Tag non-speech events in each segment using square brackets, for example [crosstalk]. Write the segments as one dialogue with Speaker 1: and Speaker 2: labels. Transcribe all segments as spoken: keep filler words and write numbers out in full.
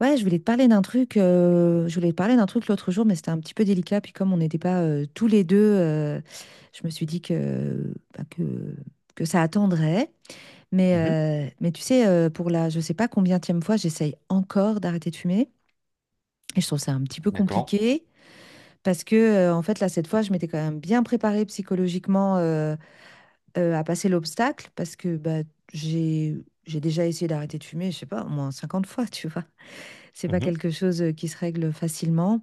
Speaker 1: Ouais, je voulais te parler d'un truc, euh, je voulais te parler d'un truc l'autre jour, mais c'était un petit peu délicat. Puis comme on n'était pas euh, tous les deux, euh, je me suis dit que, bah, que, que ça attendrait. Mais,
Speaker 2: Mhm.
Speaker 1: euh, mais tu sais, euh, pour la je sais pas combienième fois, j'essaye encore d'arrêter de fumer. Et je trouve ça un petit peu
Speaker 2: D'accord.
Speaker 1: compliqué parce que, euh, en fait, là, cette fois, je m'étais quand même bien préparée psychologiquement euh, euh, à passer l'obstacle parce que bah, j'ai, j'ai déjà essayé d'arrêter de fumer, je sais pas, au moins cinquante fois, tu vois. C'est pas
Speaker 2: Mhm.
Speaker 1: quelque chose euh, qui se règle facilement.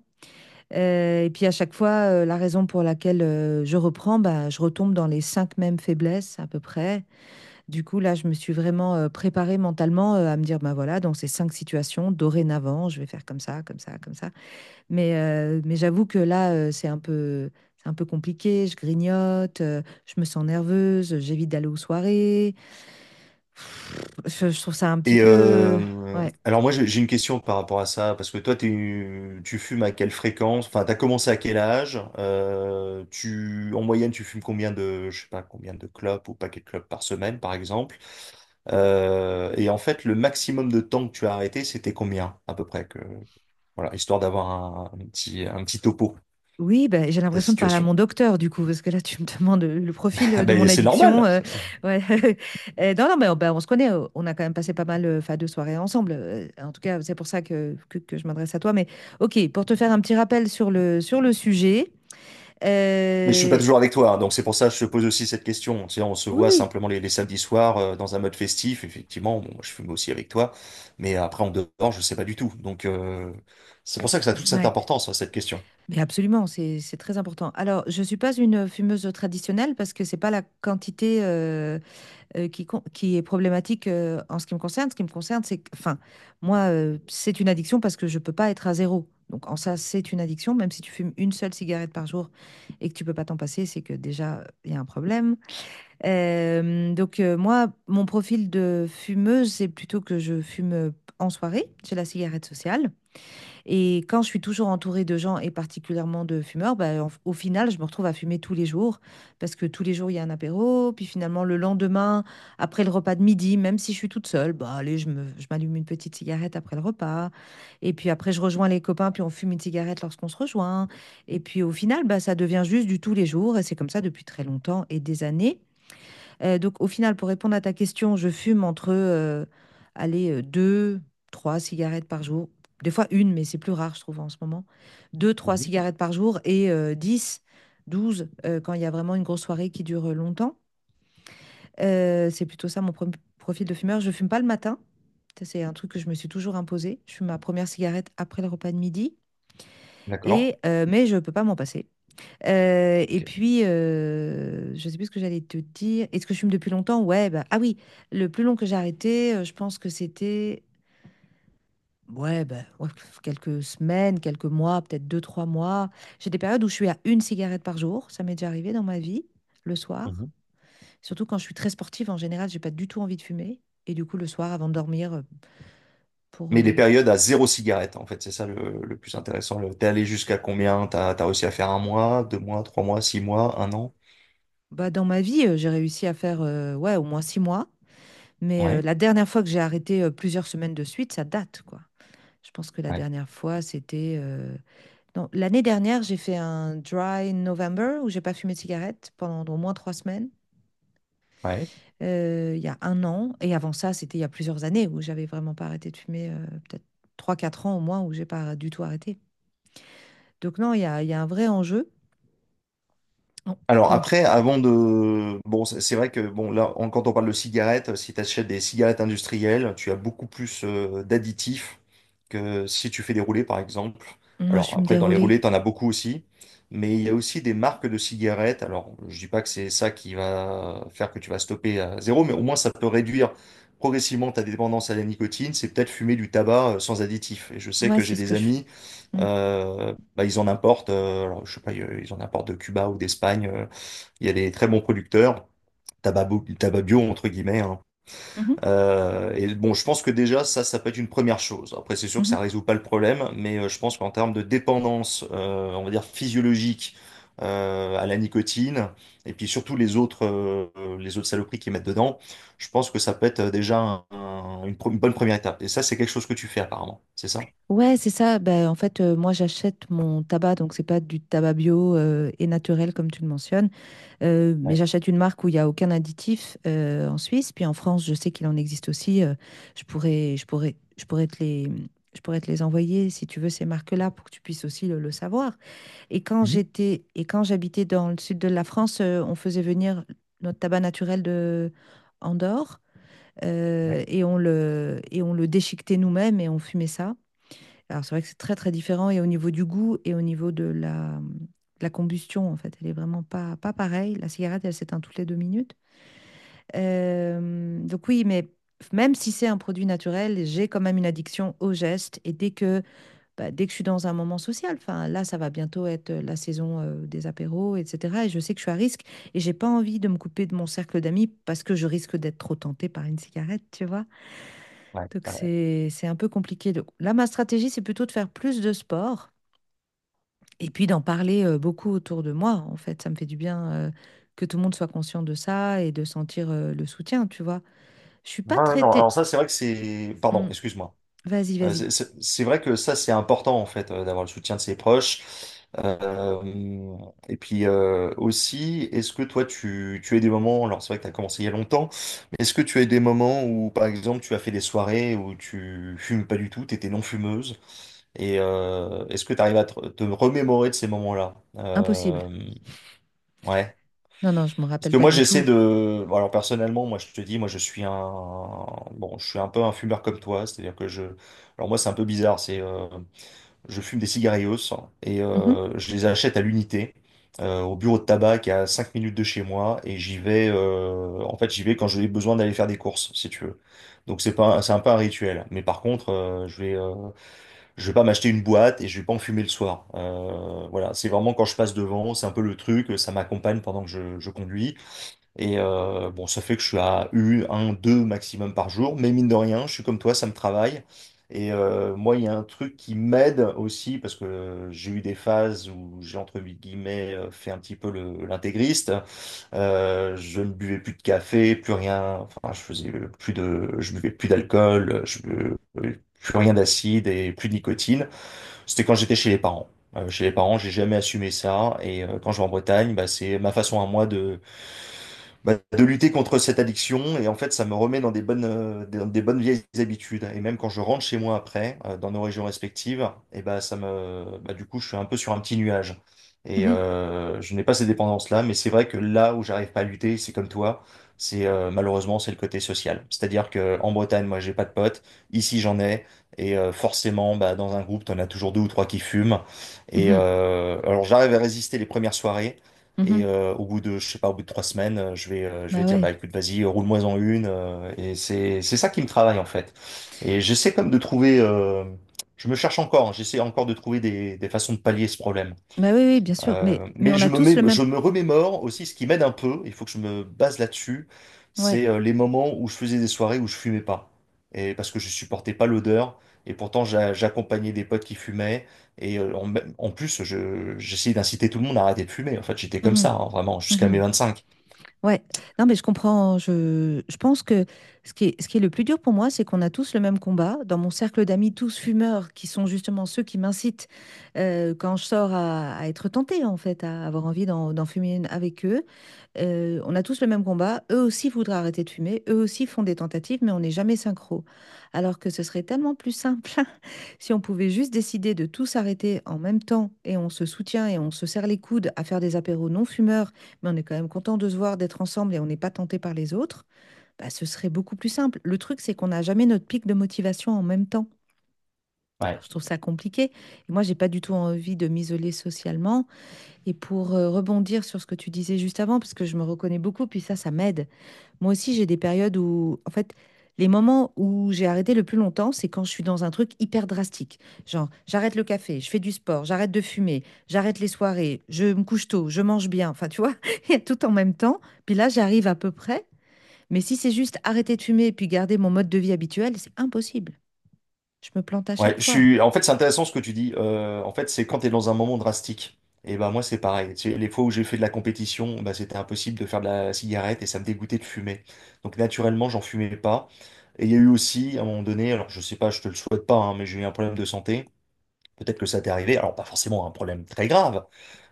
Speaker 1: Euh, et puis à chaque fois, euh, la raison pour laquelle euh, je reprends, bah, je retombe dans les cinq mêmes faiblesses à peu près. Du coup, là, je me suis vraiment euh, préparée mentalement euh, à me dire, bah voilà, dans ces cinq situations, dorénavant, je vais faire comme ça, comme ça, comme ça. Mais, euh, mais j'avoue que là, euh, c'est un peu, c'est un peu compliqué. Je grignote, euh, je me sens nerveuse, j'évite d'aller aux soirées. Pff, je, je trouve ça un petit
Speaker 2: Et
Speaker 1: peu,
Speaker 2: euh,
Speaker 1: ouais.
Speaker 2: alors moi j'ai j'ai une question par rapport à ça, parce que toi t'es- tu fumes à quelle fréquence? Enfin, t'as commencé à quel âge? Euh, tu, en moyenne tu fumes combien de, je sais pas, combien de clopes ou paquets de clopes par semaine par exemple? Euh, et en fait le maximum de temps que tu as arrêté c'était combien à peu près que, voilà, histoire d'avoir un, un petit, un petit topo
Speaker 1: Oui, bah, j'ai
Speaker 2: de ta
Speaker 1: l'impression de parler à
Speaker 2: situation.
Speaker 1: mon
Speaker 2: [laughs]
Speaker 1: docteur du coup, parce que là tu me demandes, heu, le profil,
Speaker 2: Ah
Speaker 1: heu, de mon
Speaker 2: ben c'est
Speaker 1: addiction,
Speaker 2: normal.
Speaker 1: heu, ouais. [laughs] Heu, non, non, mais on bah, on se connaît, heu, on a quand même passé pas mal, heu, enfin, de soirées ensemble, heu, en tout cas, c'est pour ça que que que je m'adresse à toi. Mais OK, pour te faire un petit rappel sur le sur le sujet,
Speaker 2: Mais je suis pas
Speaker 1: heu,
Speaker 2: toujours avec toi, hein, donc c'est pour ça que je te pose aussi cette question. Tu sais, on se
Speaker 1: oui,
Speaker 2: voit
Speaker 1: oui,
Speaker 2: simplement les, les samedis soirs euh, dans un mode festif. Effectivement, bon, moi, je fume aussi avec toi, mais après en dehors, je sais pas du tout. Donc euh, c'est pour ça que ça a toute cette
Speaker 1: ouais,
Speaker 2: importance, hein, cette question.
Speaker 1: mais absolument, c'est c'est très important. Alors, je ne suis pas une fumeuse traditionnelle parce que c'est pas la quantité, euh, euh, qui, con- qui est problématique euh, en ce qui me concerne. Ce qui me concerne, c'est que, enfin, moi, euh, c'est une addiction parce que je peux pas être à zéro. Donc, en ça, c'est une addiction. Même si tu fumes une seule cigarette par jour et que tu peux pas t'en passer, c'est que déjà, il y a un problème. Euh, donc, euh, moi, mon profil de fumeuse, c'est plutôt que je fume euh, en soirée. J'ai la cigarette sociale. Et quand je suis toujours entourée de gens et particulièrement de fumeurs, bah, en- au final, je me retrouve à fumer tous les jours parce que tous les jours, il y a un apéro. Puis finalement, le lendemain, après le repas de midi, même si je suis toute seule, bah, allez, je me- je m'allume une petite cigarette après le repas. Et puis après, je rejoins les copains, puis on fume une cigarette lorsqu'on se rejoint. Et puis au final, bah, ça devient juste du tous les jours. Et c'est comme ça depuis très longtemps et des années. Euh, donc, au final, pour répondre à ta question, je fume entre, euh, allez, euh, deux, trois cigarettes par jour. Des fois une, mais c'est plus rare, je trouve, en ce moment. Deux, trois
Speaker 2: Mhm.
Speaker 1: cigarettes par jour et euh, dix, douze euh, quand il y a vraiment une grosse soirée qui dure euh, longtemps. Euh, c'est plutôt ça mon pro- profil de fumeur. Je fume pas le matin. Ça, c'est un truc que je me suis toujours imposé. Je fume ma première cigarette après le repas de midi.
Speaker 2: D'accord?
Speaker 1: Et, euh, mais je peux pas m'en passer. Euh, et
Speaker 2: Ok.
Speaker 1: puis, euh, je sais plus ce que j'allais te dire. Est-ce que je fume depuis longtemps? Ouais, bah, ah oui, le plus long que j'ai arrêté, euh, je pense que c'était ouais, bah, ouais, quelques semaines, quelques mois, peut-être deux, trois mois. J'ai des périodes où je suis à une cigarette par jour. Ça m'est déjà arrivé dans ma vie, le soir.
Speaker 2: Mhm.
Speaker 1: Surtout quand je suis très sportive, en général, j'ai pas du tout envie de fumer. Et du coup, le soir, avant de dormir, euh, pour
Speaker 2: Mais les
Speaker 1: euh, tu-
Speaker 2: périodes à zéro cigarette, en fait, c'est ça le, le plus intéressant. Le- T'es allé jusqu'à combien? T'as, t'as réussi à faire un mois, deux mois, trois mois, six mois, un an?
Speaker 1: bah, dans ma vie, euh, j'ai réussi à faire euh, ouais, au moins six mois. Mais euh,
Speaker 2: Ouais,
Speaker 1: la dernière fois que j'ai arrêté euh, plusieurs semaines de suite, ça date, quoi. Je pense que la
Speaker 2: ouais,
Speaker 1: dernière fois, c'était euh, non, l'année dernière, j'ai fait un dry November où j'ai pas fumé de cigarette pendant au moins trois semaines,
Speaker 2: ouais.
Speaker 1: euh, il y a un an. Et avant ça, c'était il y a plusieurs années où j'avais vraiment pas arrêté de fumer, euh, peut-être trois, quatre ans au moins, où j'ai pas du tout arrêté. Donc non, il y a, il y a un vrai enjeu. Oh,
Speaker 2: Alors
Speaker 1: donc,
Speaker 2: après, avant de... Bon, c'est c'est vrai que bon, là, on- quand on parle de cigarettes, euh, si tu achètes des cigarettes industrielles, tu as beaucoup plus euh, d'additifs que si tu fais des roulés, par exemple.
Speaker 1: moi, je
Speaker 2: Alors
Speaker 1: suis me
Speaker 2: après, dans les
Speaker 1: déroulée.
Speaker 2: roulés, tu en as beaucoup aussi. Mais il y a aussi des marques de cigarettes. Alors, je dis pas que c'est ça qui va faire que tu vas stopper à zéro, mais au moins ça peut réduire progressivement ta dépendance à la nicotine. C'est peut-être fumer du tabac euh, sans additif. Et je sais
Speaker 1: Moi,
Speaker 2: que j'ai
Speaker 1: c'est ce
Speaker 2: des
Speaker 1: que je fais.
Speaker 2: amis
Speaker 1: Mm.
Speaker 2: euh, bah, ils en importent, euh, alors, je sais pas, euh, ils en importent de Cuba ou d'Espagne. Euh, il y a des très bons producteurs, tabac, bo- tabac bio, entre guillemets, hein.
Speaker 1: Mhm.
Speaker 2: Euh, et bon, je pense que déjà, ça, ça peut être une première chose. Après, c'est sûr que
Speaker 1: Mhm.
Speaker 2: ça résout pas le problème, mais euh, je pense qu'en termes de dépendance, euh, on va dire physiologique, euh, à la nicotine, et puis surtout les autres, euh, les autres saloperies qu'ils mettent dedans, je pense que ça peut être euh, déjà un- un- une, pro- une bonne première étape. Et ça, c'est quelque chose que tu fais apparemment, c'est ça?
Speaker 1: Ouais, c'est ça. Ben, en fait, euh, moi, j'achète mon tabac, donc c'est pas du tabac bio euh, et naturel comme tu le mentionnes. Euh, mais
Speaker 2: Ouais.
Speaker 1: j'achète une marque où il n'y a aucun additif euh, en Suisse. Puis en France, je sais qu'il en existe aussi. Euh, je pourrais, je pourrais, je pourrais te les, je pourrais te les envoyer si tu veux ces marques-là pour que tu puisses aussi le, le savoir. Et quand
Speaker 2: Mhm.
Speaker 1: j'étais, et quand j'habitais dans le sud de la France, euh, on faisait venir notre tabac naturel de Andorre
Speaker 2: Ouais.
Speaker 1: euh, et on le, et on le déchiquetait nous-mêmes et on fumait ça. Alors, c'est vrai que c'est très, très différent. Et au niveau du goût et au niveau de la, de la combustion, en fait, elle est vraiment pas, pas pareille. La cigarette, elle s'éteint toutes les deux minutes. Euh, donc, oui, mais même si c'est un produit naturel, j'ai quand même une addiction au geste. Et dès que, bah, dès que je suis dans un moment social, enfin, là, ça va bientôt être euh, la saison euh, des apéros, et cetera. Et je sais que je suis à risque et j'ai pas envie de me couper de mon cercle d'amis parce que je risque d'être trop tentée par une cigarette, tu vois. Donc,
Speaker 2: Ouais.
Speaker 1: c'est, c'est un peu compliqué. Donc, là, ma stratégie, c'est plutôt de faire plus de sport et puis d'en parler euh, beaucoup autour de moi, en fait, ça me fait du bien euh, que tout le monde soit conscient de ça et de sentir euh, le soutien, tu vois. Je suis
Speaker 2: Ouais,
Speaker 1: pas
Speaker 2: ouais, non, alors
Speaker 1: traitée.
Speaker 2: ça, c'est vrai que c'est... Pardon,
Speaker 1: Hmm.
Speaker 2: excuse-moi.
Speaker 1: Vas-y,
Speaker 2: Euh,
Speaker 1: vas-y.
Speaker 2: c'est c'est- c'est vrai que ça, c'est important, en fait, euh, d'avoir le soutien de ses proches. Euh, et puis euh, aussi, est-ce que toi, tu, tu as eu des moments, alors c'est vrai que tu as commencé il y a longtemps, mais est-ce que tu as eu des moments où, par exemple, tu as fait des soirées où tu fumes pas du tout, tu étais non fumeuse, et euh, est-ce que tu arrives à te, te remémorer de ces moments-là?
Speaker 1: Impossible.
Speaker 2: Euh, ouais.
Speaker 1: Non, non, je me
Speaker 2: Parce
Speaker 1: rappelle
Speaker 2: que
Speaker 1: pas
Speaker 2: moi,
Speaker 1: du
Speaker 2: j'essaie
Speaker 1: tout.
Speaker 2: de. Bon, alors, personnellement, moi, je te dis, moi, je suis un. Bon, je suis un peu un fumeur comme toi. C'est-à-dire que je. Alors, moi, c'est un peu bizarre. C'est. euh, Je fume des cigarillos et
Speaker 1: Mhm,
Speaker 2: euh, je les achète à l'unité, euh, au bureau de tabac qui est à cinq minutes de chez moi. Et j'y vais. euh, En fait, j'y vais quand j'ai besoin d'aller faire des courses, si tu veux. Donc, c'est pas... c'est un peu un rituel. Mais par contre, euh, je vais. euh, Je vais pas m'acheter une boîte et je vais pas en fumer le soir. Euh, Voilà. C'est vraiment quand je passe devant. C'est un peu le truc. Ça m'accompagne pendant que je, je conduis. Et euh, bon, ça fait que je suis à U, un, deux maximum par jour, mais mine de rien, je suis comme toi, ça me travaille. Et euh, moi, il y a un truc qui m'aide aussi, parce que euh, j'ai eu des phases où j'ai, entre guillemets, euh, fait un petit peu le- l'intégriste. Euh, je ne buvais plus de café, plus rien, enfin, je faisais plus de, je buvais plus d'alcool, je bu- plus rien d'acide et plus de nicotine. C'était quand j'étais chez les parents. Euh, chez les parents, j'ai jamais assumé ça. Et euh, quand je vais en Bretagne, bah, c'est ma façon à moi bah, de lutter contre cette addiction. Et en fait, ça me remet dans des bonnes, euh, des, dans des bonnes vieilles habitudes. Et même quand je rentre chez moi après, euh, dans nos régions respectives, et bah, ça me, bah, du coup, je suis un peu sur un petit nuage. Et
Speaker 1: mhm,
Speaker 2: euh, je n'ai pas ces dépendances-là, mais c'est vrai que là où j'arrive pas à lutter, c'est comme toi, c'est euh, malheureusement c'est le côté social. C'est-à-dire que en Bretagne, moi, j'ai pas de potes. Ici, j'en ai. Et euh, forcément, bah, dans un groupe, t'en as toujours deux ou trois qui fument. Et
Speaker 1: mhm.
Speaker 2: euh, alors, j'arrive à résister les premières soirées. Et
Speaker 1: Mhm.
Speaker 2: euh, au bout de, je sais pas, au bout de trois semaines, euh, je vais, euh, je vais
Speaker 1: Bah
Speaker 2: dire,
Speaker 1: ouais.
Speaker 2: bah écoute, vas-y, roule-moi-en une. Euh, et c'est, c'est ça qui me travaille en fait. Et j'essaie comme de trouver, euh, je me cherche encore, hein, j'essaie encore de trouver des, des façons de pallier ce problème.
Speaker 1: Bah oui, oui, bien sûr. Mais,
Speaker 2: Euh,
Speaker 1: mais
Speaker 2: mais
Speaker 1: on a
Speaker 2: je me
Speaker 1: tous
Speaker 2: mets,
Speaker 1: le même.
Speaker 2: je me remémore aussi ce qui m'aide un peu, il faut que je me base là-dessus,
Speaker 1: Ouais.
Speaker 2: c'est euh, les moments où je faisais des soirées où je fumais pas. Et parce que je supportais pas l'odeur, et pourtant j'a- j'accompagnais des potes qui fumaient, et euh, en, en plus je, j'essayais d'inciter tout le monde à arrêter de fumer. En fait, j'étais comme
Speaker 1: Mhm.
Speaker 2: ça, hein, vraiment, jusqu'à mes
Speaker 1: Mhm.
Speaker 2: vingt-cinq.
Speaker 1: Ouais. Non, mais je comprends. Je, je pense que ce qui est, ce qui est le plus dur pour moi, c'est qu'on a tous le même combat. Dans mon cercle d'amis, tous fumeurs, qui sont justement ceux qui m'incitent euh, quand je sors à, à être tentée, en fait, à avoir envie d'en d'en fumer une avec eux. Euh, on a tous le même combat. Eux aussi voudraient arrêter de fumer. Eux aussi font des tentatives, mais on n'est jamais synchro. Alors que ce serait tellement plus simple [laughs] si on pouvait juste décider de tous arrêter en même temps et on se soutient et on se serre les coudes à faire des apéros non fumeurs, mais on est quand même content de se voir, d'être ensemble et on n'est pas tenté par les autres. Bah, ce serait beaucoup plus simple. Le truc, c'est qu'on n'a jamais notre pic de motivation en même temps. Alors,
Speaker 2: Ouais.
Speaker 1: je trouve ça compliqué. Et moi, j'ai pas du tout envie de m'isoler socialement. Et pour euh, rebondir sur ce que tu disais juste avant, parce que je me reconnais beaucoup, puis ça, ça m'aide. Moi aussi, j'ai des périodes où, en fait, les moments où j'ai arrêté le plus longtemps, c'est quand je suis dans un truc hyper drastique. Genre, j'arrête le café, je fais du sport, j'arrête de fumer, j'arrête les soirées, je me couche tôt, je mange bien. Enfin, tu vois, [laughs] il y a tout en même temps. Puis là, j'arrive à peu près. Mais si c'est juste arrêter de fumer et puis garder mon mode de vie habituel, c'est impossible. Je me plante à
Speaker 2: Ouais,
Speaker 1: chaque
Speaker 2: je
Speaker 1: fois.
Speaker 2: suis. En fait, c'est intéressant ce que tu dis. Euh, en fait, c'est quand tu es dans un moment drastique. Et ben moi, c'est pareil. Tu sais, les fois où j'ai fait de la compétition, bah, c'était impossible de faire de la cigarette et ça me dégoûtait de fumer. Donc naturellement, j'en fumais pas. Et il y a eu aussi, à un moment donné, alors je sais pas, je te le souhaite pas, hein, mais j'ai eu un problème de santé. Peut-être que ça t'est arrivé. Alors pas forcément un problème très grave,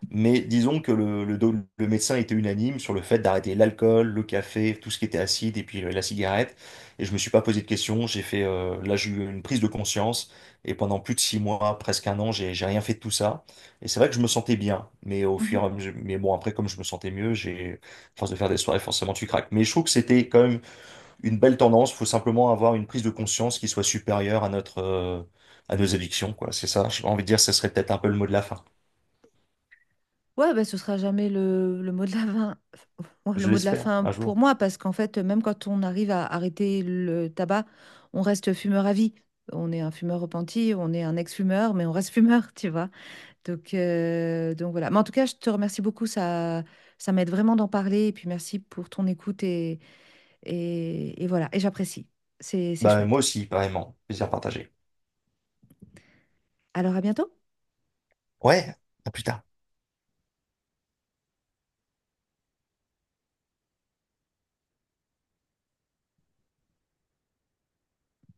Speaker 2: mais disons que le, le, do- le médecin était unanime sur le fait d'arrêter l'alcool, le café, tout ce qui était acide et puis euh, la cigarette. Et je me suis pas posé de questions. J'ai fait, euh, là, j'ai eu une prise de conscience. Et pendant plus de six mois, presque un an, j'ai, j'ai rien fait de tout ça. Et c'est vrai que je me sentais bien. Mais au
Speaker 1: Mhm.
Speaker 2: fur et à mesure, mais bon, après, comme je me sentais mieux, j'ai, à force de faire des soirées, forcément, tu craques. Mais je trouve que c'était quand même une belle tendance. Faut simplement avoir une prise de conscience qui soit supérieure à notre, euh, à nos addictions, quoi. C'est ça. J'ai envie de dire, ce serait peut-être un peu le mot de la fin.
Speaker 1: Ouais, bah, ce sera jamais le, le mot de la fin, [laughs] ouais, le
Speaker 2: Je
Speaker 1: mot de la
Speaker 2: l'espère,
Speaker 1: fin
Speaker 2: un
Speaker 1: pour
Speaker 2: jour.
Speaker 1: moi, parce qu'en fait, même quand on arrive à arrêter le tabac, on reste fumeur à vie. On est un fumeur repenti, on est un ex-fumeur, mais on reste fumeur, [laughs] tu vois. Donc, euh, donc voilà. Mais en tout cas, je te remercie beaucoup, ça, ça m'aide vraiment d'en parler, et puis merci pour ton écoute, et, et, et voilà, et j'apprécie. C'est, c'est
Speaker 2: Bah, moi
Speaker 1: chouette.
Speaker 2: aussi, pareillement. Plaisir partagé.
Speaker 1: Alors, à bientôt.
Speaker 2: Ouais, à plus tard.